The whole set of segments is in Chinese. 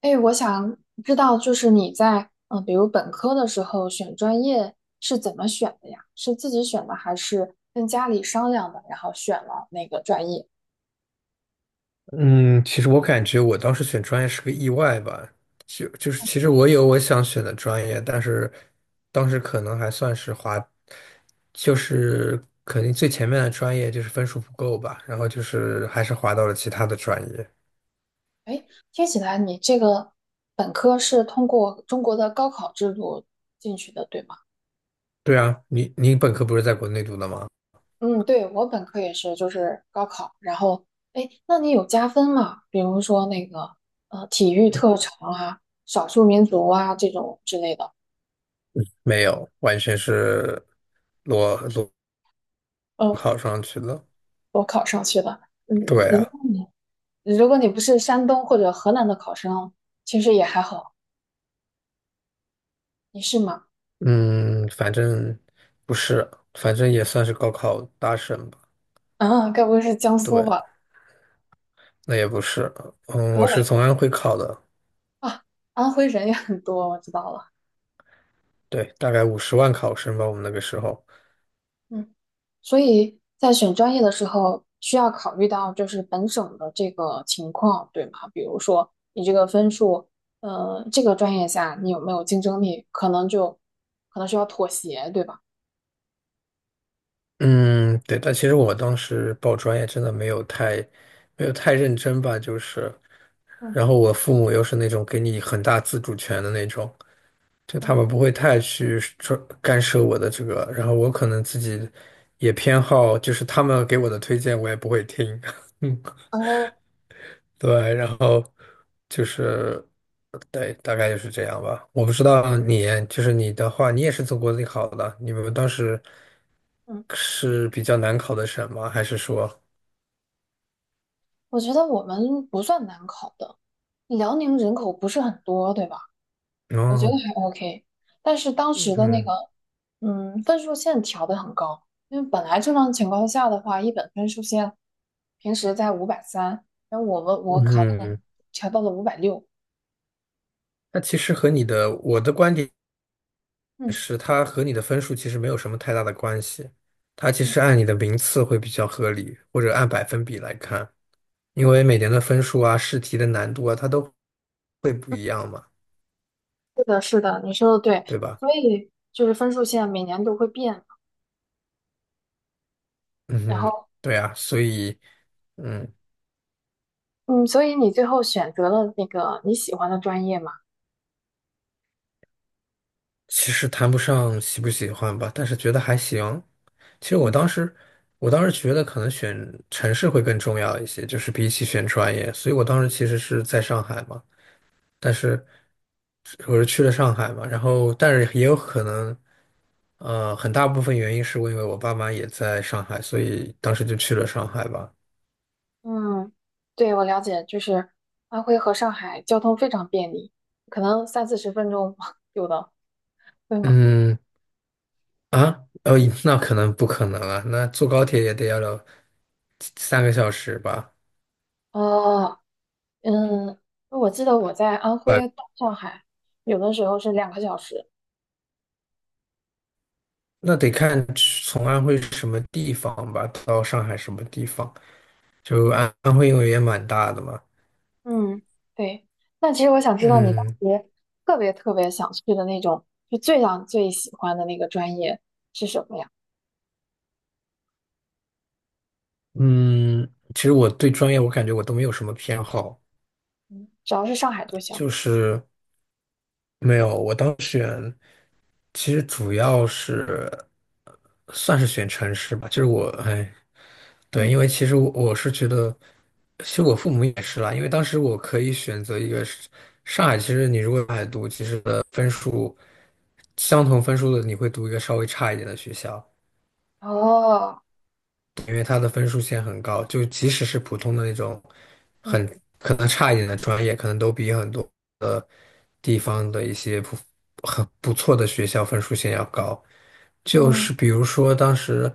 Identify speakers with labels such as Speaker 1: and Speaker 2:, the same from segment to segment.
Speaker 1: 哎，我想知道，就是你在比如本科的时候选专业是怎么选的呀？是自己选的，还是跟家里商量的，然后选了那个专业？
Speaker 2: 嗯，其实我感觉我当时选专业是个意外吧，就是其实我有我想选的专业，但是当时可能还算是滑，就是肯定最前面的专业就是分数不够吧，然后就是还是滑到了其他的专业。
Speaker 1: 哎，听起来你这个本科是通过中国的高考制度进去的，对吗？
Speaker 2: 对啊，你本科不是在国内读的吗？
Speaker 1: 嗯，对，我本科也是，就是高考，然后哎，那你有加分吗？比如说那个体育
Speaker 2: 嗯
Speaker 1: 特长啊、少数民族啊这种之类的。
Speaker 2: 没有，完全是裸
Speaker 1: 嗯，
Speaker 2: 考上去了。
Speaker 1: 我考上去的。嗯，
Speaker 2: 对啊，
Speaker 1: 如果你不是山东或者河南的考生，其实也还好。你是吗？
Speaker 2: 嗯，反正不是，反正也算是高考大省吧。
Speaker 1: 嗯，该不会是江苏
Speaker 2: 对。
Speaker 1: 吧？
Speaker 2: 那也不是，嗯，我
Speaker 1: 河
Speaker 2: 是
Speaker 1: 北
Speaker 2: 从安徽考的，
Speaker 1: 啊，安徽人也很多，我知道了。
Speaker 2: 对，大概50万考生吧，我们那个时候，
Speaker 1: 嗯，所以在选专业的时候，需要考虑到就是本省的这个情况，对吗？比如说你这个分数，这个专业下你有没有竞争力，可能需要妥协，对吧？
Speaker 2: 嗯，对，但其实我当时报专业真的没有太认真吧，就是，
Speaker 1: 嗯
Speaker 2: 然后我父母又是那种给你很大自主权的那种，就他
Speaker 1: 嗯，
Speaker 2: 们不会太去说干涉我的这个，然后我可能自己也偏好，就是他们给我的推荐我也不会听，
Speaker 1: 然后
Speaker 2: 对，然后就是，对，大概就是这样吧。我不知道你，就是你的话，你也是从国内考的，你们当时
Speaker 1: 嗯，
Speaker 2: 是比较难考的省吗？还是说，
Speaker 1: 我觉得我们不算难考的，辽宁人口不是很多，对吧？我觉得
Speaker 2: 哦，
Speaker 1: 还 OK，但是当时的那个，
Speaker 2: 嗯
Speaker 1: 分数线调得很高，因为本来正常情况下的话，一本分数线平时在530，然后我考那个
Speaker 2: 嗯，
Speaker 1: 调到了560。
Speaker 2: 那其实和你的，我的观点
Speaker 1: 嗯，
Speaker 2: 是，它和你的分数其实没有什么太大的关系，它其实按你的名次会比较合理，或者按百分比来看，因为每年的分数啊、试题的难度啊，它都会不一样嘛，
Speaker 1: 是的，是的，你说的对，
Speaker 2: 对吧？
Speaker 1: 所以就是分数线每年都会变嘛，
Speaker 2: 嗯
Speaker 1: 然
Speaker 2: 哼，
Speaker 1: 后
Speaker 2: 对啊，所以，嗯，
Speaker 1: 嗯，所以你最后选择了那个你喜欢的专业嘛？
Speaker 2: 其实谈不上喜不喜欢吧，但是觉得还行。其实我
Speaker 1: 嗯
Speaker 2: 当时，我当时觉得可能选城市会更重要一些，就是比起选专业。所以我当时其实是在上海嘛，但是我是去了上海嘛，然后但是也有可能，很大部分原因是因为我爸妈也在上海，所以当时就去了上海吧。
Speaker 1: 嗯，对，我了解，就是安徽和上海交通非常便利，可能三四十分钟 有的，对吗？
Speaker 2: 嗯啊，哦，那可能不可能啊，那坐高铁也得要了3个小时吧。
Speaker 1: 哦，嗯，我记得我在安徽到上海，有的时候是2个小时。
Speaker 2: 那得看从安徽什么地方吧，到上海什么地方。就
Speaker 1: 嗯
Speaker 2: 安徽，因为也蛮大的嘛。
Speaker 1: 嗯，对。那其实我想知道你当
Speaker 2: 嗯
Speaker 1: 时特别特别想去的那种，就最想最喜欢的那个专业是什么呀？
Speaker 2: 嗯，其实我对专业，我感觉我都没有什么偏好，
Speaker 1: 嗯，只要是上海就行。
Speaker 2: 就是没有。其实主要是算是选城市吧，就是我哎，对，因
Speaker 1: 嗯，
Speaker 2: 为其实我是觉得，其实我父母也是啦，因为当时我可以选择一个是上海，其实你如果上读，其实的分数相同分数的你会读一个稍微差一点的学校，
Speaker 1: 哦，
Speaker 2: 因为它的分数线很高，就即使是普通的那种
Speaker 1: 嗯
Speaker 2: 很可能差一点的专业，可能都比很多的地方的一些不很不错的学校分数线要高。就
Speaker 1: 嗯
Speaker 2: 是比如说当时，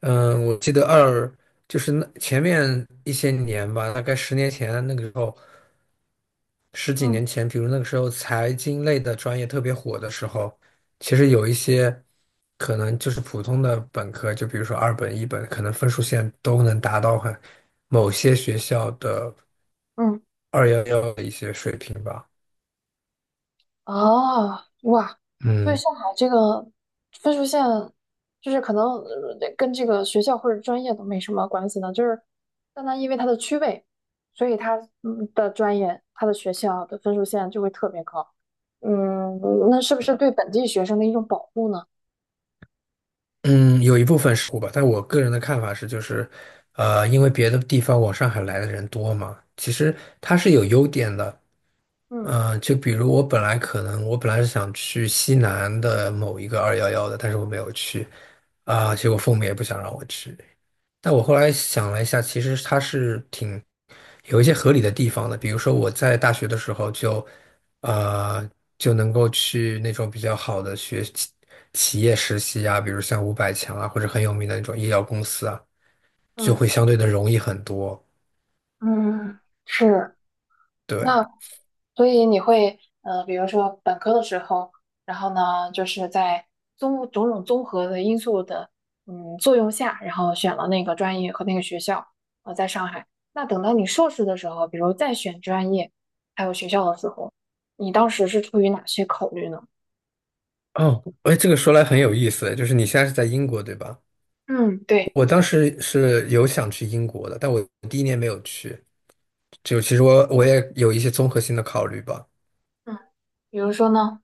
Speaker 2: 嗯，我记得就是那前面一些年吧，大概10年前那个时候。十几年
Speaker 1: 嗯
Speaker 2: 前，比如那个时候财经类的专业特别火的时候，其实有一些可能就是普通的本科，就比如说二本、一本，可能分数线都能达到很某些学校的
Speaker 1: 嗯。
Speaker 2: 二幺幺的一些水平吧。
Speaker 1: 哦，哇，所以
Speaker 2: 嗯
Speaker 1: 上海这个分数线，就是可能跟这个学校或者专业都没什么关系呢，就是单单因为它的区位，所以它的专业、它的学校的分数线就会特别高。嗯，那是不是对本地学生的一种保护呢？
Speaker 2: 嗯，有一部分是吧，但我个人的看法是，就是因为别的地方往上海来的人多嘛，其实它是有优点的。
Speaker 1: 嗯
Speaker 2: 嗯，就比如我本来是想去西南的某一个二幺幺的，但是我没有去啊，结果父母也不想让我去。但我后来想了一下，其实它是挺有一些合理的地方的，比如说我在大学的时候呃就能够去那种比较好的企业实习啊，比如像500强啊，或者很有名的那种医药公司啊，就
Speaker 1: 嗯
Speaker 2: 会相对的容易很多。
Speaker 1: 嗯，嗯是。
Speaker 2: 对，
Speaker 1: 那所以你会，比如说本科的时候，然后呢，就是在种种综合的因素的，作用下，然后选了那个专业和那个学校，在上海。那等到你硕士的时候，比如再选专业还有学校的时候，你当时是出于哪些考虑呢？
Speaker 2: 哦，哎，这个说来很有意思，就是你现在是在英国，对吧？
Speaker 1: 嗯，对，
Speaker 2: 我当时是有想去英国的，但我第一年没有去。就其实我也有一些综合性的考虑吧，
Speaker 1: 嗯，比如说呢，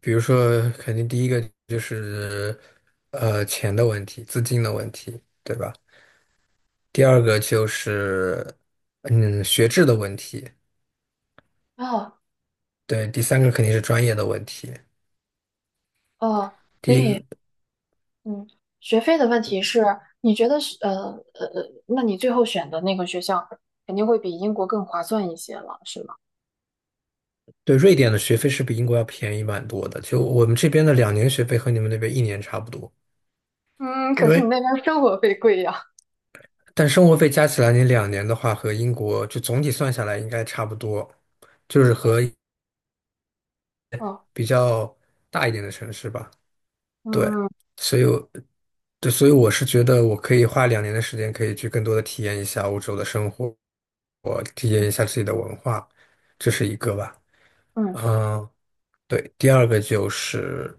Speaker 2: 比如说，肯定第一个就是钱的问题，资金的问题，对吧？第二个就是学制的问题，
Speaker 1: 哦
Speaker 2: 对，第三个肯定是专业的问题。
Speaker 1: 哦，所
Speaker 2: 第一个，
Speaker 1: 以。嗯，学费的问题是，你觉得是那你最后选的那个学校肯定会比英国更划算一些了，是吗？
Speaker 2: 对，瑞典的学费是比英国要便宜蛮多的，就我们这边的两年学费和你们那边一年差不多。
Speaker 1: 嗯，
Speaker 2: 因
Speaker 1: 可是你
Speaker 2: 为。
Speaker 1: 那边生活费贵呀。
Speaker 2: 但生活费加起来，你两年的话和英国就总体算下来应该差不多，就是和
Speaker 1: 哦，
Speaker 2: 比较大一点的城市吧。对，
Speaker 1: 嗯
Speaker 2: 所以我，对，所以我是觉得我可以花两年的时间，可以去更多的体验一下欧洲的生活，我体验一下自己的文化，这是一个吧。
Speaker 1: 嗯
Speaker 2: 嗯，对，第二个就是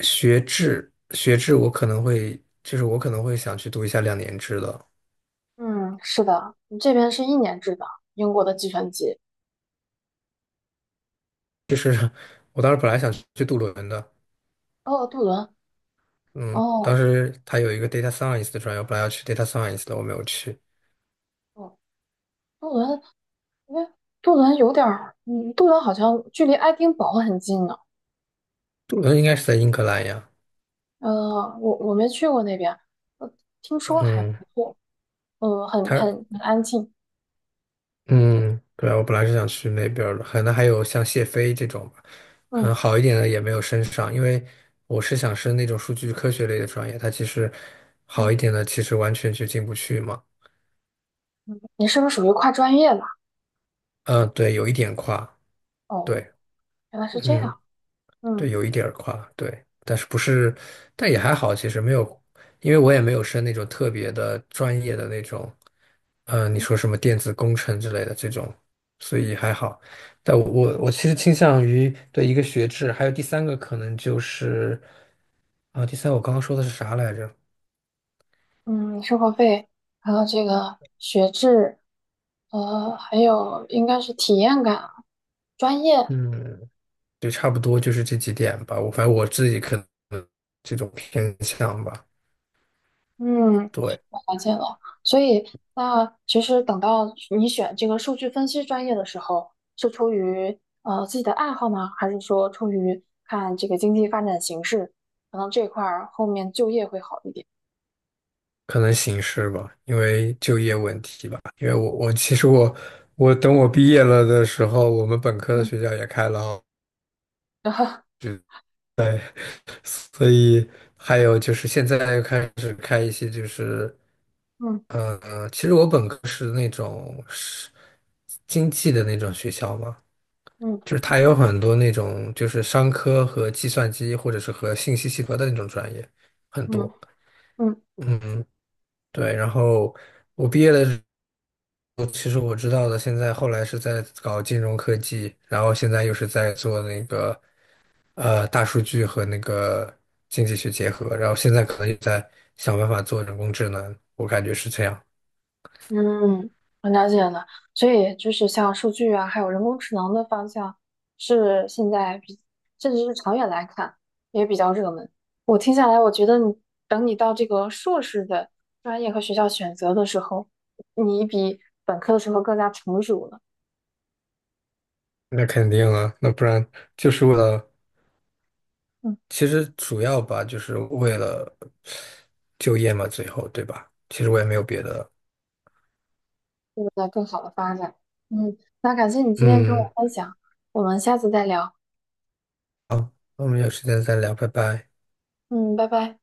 Speaker 2: 学制，学制我可能会，就是我可能会想去读一下2年制的。
Speaker 1: 嗯，是的，你这边是1年制的，英国的计算机。
Speaker 2: 就是 我当时本来想去读轮的，
Speaker 1: 哦，杜伦，
Speaker 2: 嗯，当
Speaker 1: 哦
Speaker 2: 时他有一个 data science 的专业，我本来要去 data science 的，我没有去。
Speaker 1: 哦，杜伦，哎，杜伦有点儿，杜伦好像距离爱丁堡很近呢。
Speaker 2: 杜伦应该是在英格兰呀。
Speaker 1: 我没去过那边，呃，听说还
Speaker 2: 嗯，
Speaker 1: 不错，很
Speaker 2: 他
Speaker 1: 很很安静。
Speaker 2: 嗯，对啊，我本来是想去那边儿的，可能还有像谢飞这种吧，可
Speaker 1: 嗯
Speaker 2: 能好一点的也没有升上，因为我是想升那种数据科学类的专业，它其实好
Speaker 1: 嗯。
Speaker 2: 一点的其实完全就进不去嘛。
Speaker 1: 你是不是属于跨专业的？
Speaker 2: 嗯，对，有一点跨，
Speaker 1: 哦，
Speaker 2: 对，
Speaker 1: 原来是这
Speaker 2: 嗯。
Speaker 1: 样。
Speaker 2: 对，
Speaker 1: 嗯
Speaker 2: 有一点儿跨，对，但是不是，但也还好，其实没有，因为我也没有申那种特别的专业的那种，你
Speaker 1: 嗯
Speaker 2: 说什么电子工程之类的这种，所以还好。但我其实倾向于对一个学制，还有第三个可能就是啊，第三我刚刚说的是啥来着？
Speaker 1: 嗯，生活费，还有这个学制，还有应该是体验感、专业。
Speaker 2: 嗯，对，差不多就是这几点吧。我反正我自己可能这种偏向吧，
Speaker 1: 嗯，
Speaker 2: 对。
Speaker 1: 我发现了。所以，那其实等到你选这个数据分析专业的时候，是出于自己的爱好呢，还是说出于看这个经济发展形势，可能这块儿后面就业会好一点？
Speaker 2: 可能形势吧，因为就业问题吧。因为其实我等我毕业了的时候，我们本科的
Speaker 1: 嗯，
Speaker 2: 学校也开了哦，
Speaker 1: 然后
Speaker 2: 对，所以还有就是现在又开始开一些就是
Speaker 1: 嗯
Speaker 2: 嗯，其实我本科是那种是经济的那种学校嘛，
Speaker 1: 嗯
Speaker 2: 就是它有很多那种就是商科和计算机或者是和信息系合的那种专业很
Speaker 1: 嗯
Speaker 2: 多。
Speaker 1: 嗯。
Speaker 2: 嗯，对，然后。我毕业的。我其实我知道的，现在后来是在搞金融科技，然后现在又是在做那个大数据和那个经济学结合，然后现在可能也在想办法做人工智能，我感觉是这样。
Speaker 1: 嗯，我了解了，所以就是像数据啊，还有人工智能的方向，是现在比，甚至是长远来看也比较热门。我听下来，我觉得等你到这个硕士的专业和学校选择的时候，你比本科的时候更加成熟了，
Speaker 2: 那肯定啊，那不然就是为了，
Speaker 1: 嗯，
Speaker 2: 其实主要吧，就是为了就业嘛，最后对吧？其实我也没有别的。
Speaker 1: 有了更好的发展。嗯，那感谢你今天跟
Speaker 2: 嗯，
Speaker 1: 我分享，我们下次再聊。
Speaker 2: 好，那我们有时间再聊，拜拜。
Speaker 1: 嗯，拜拜。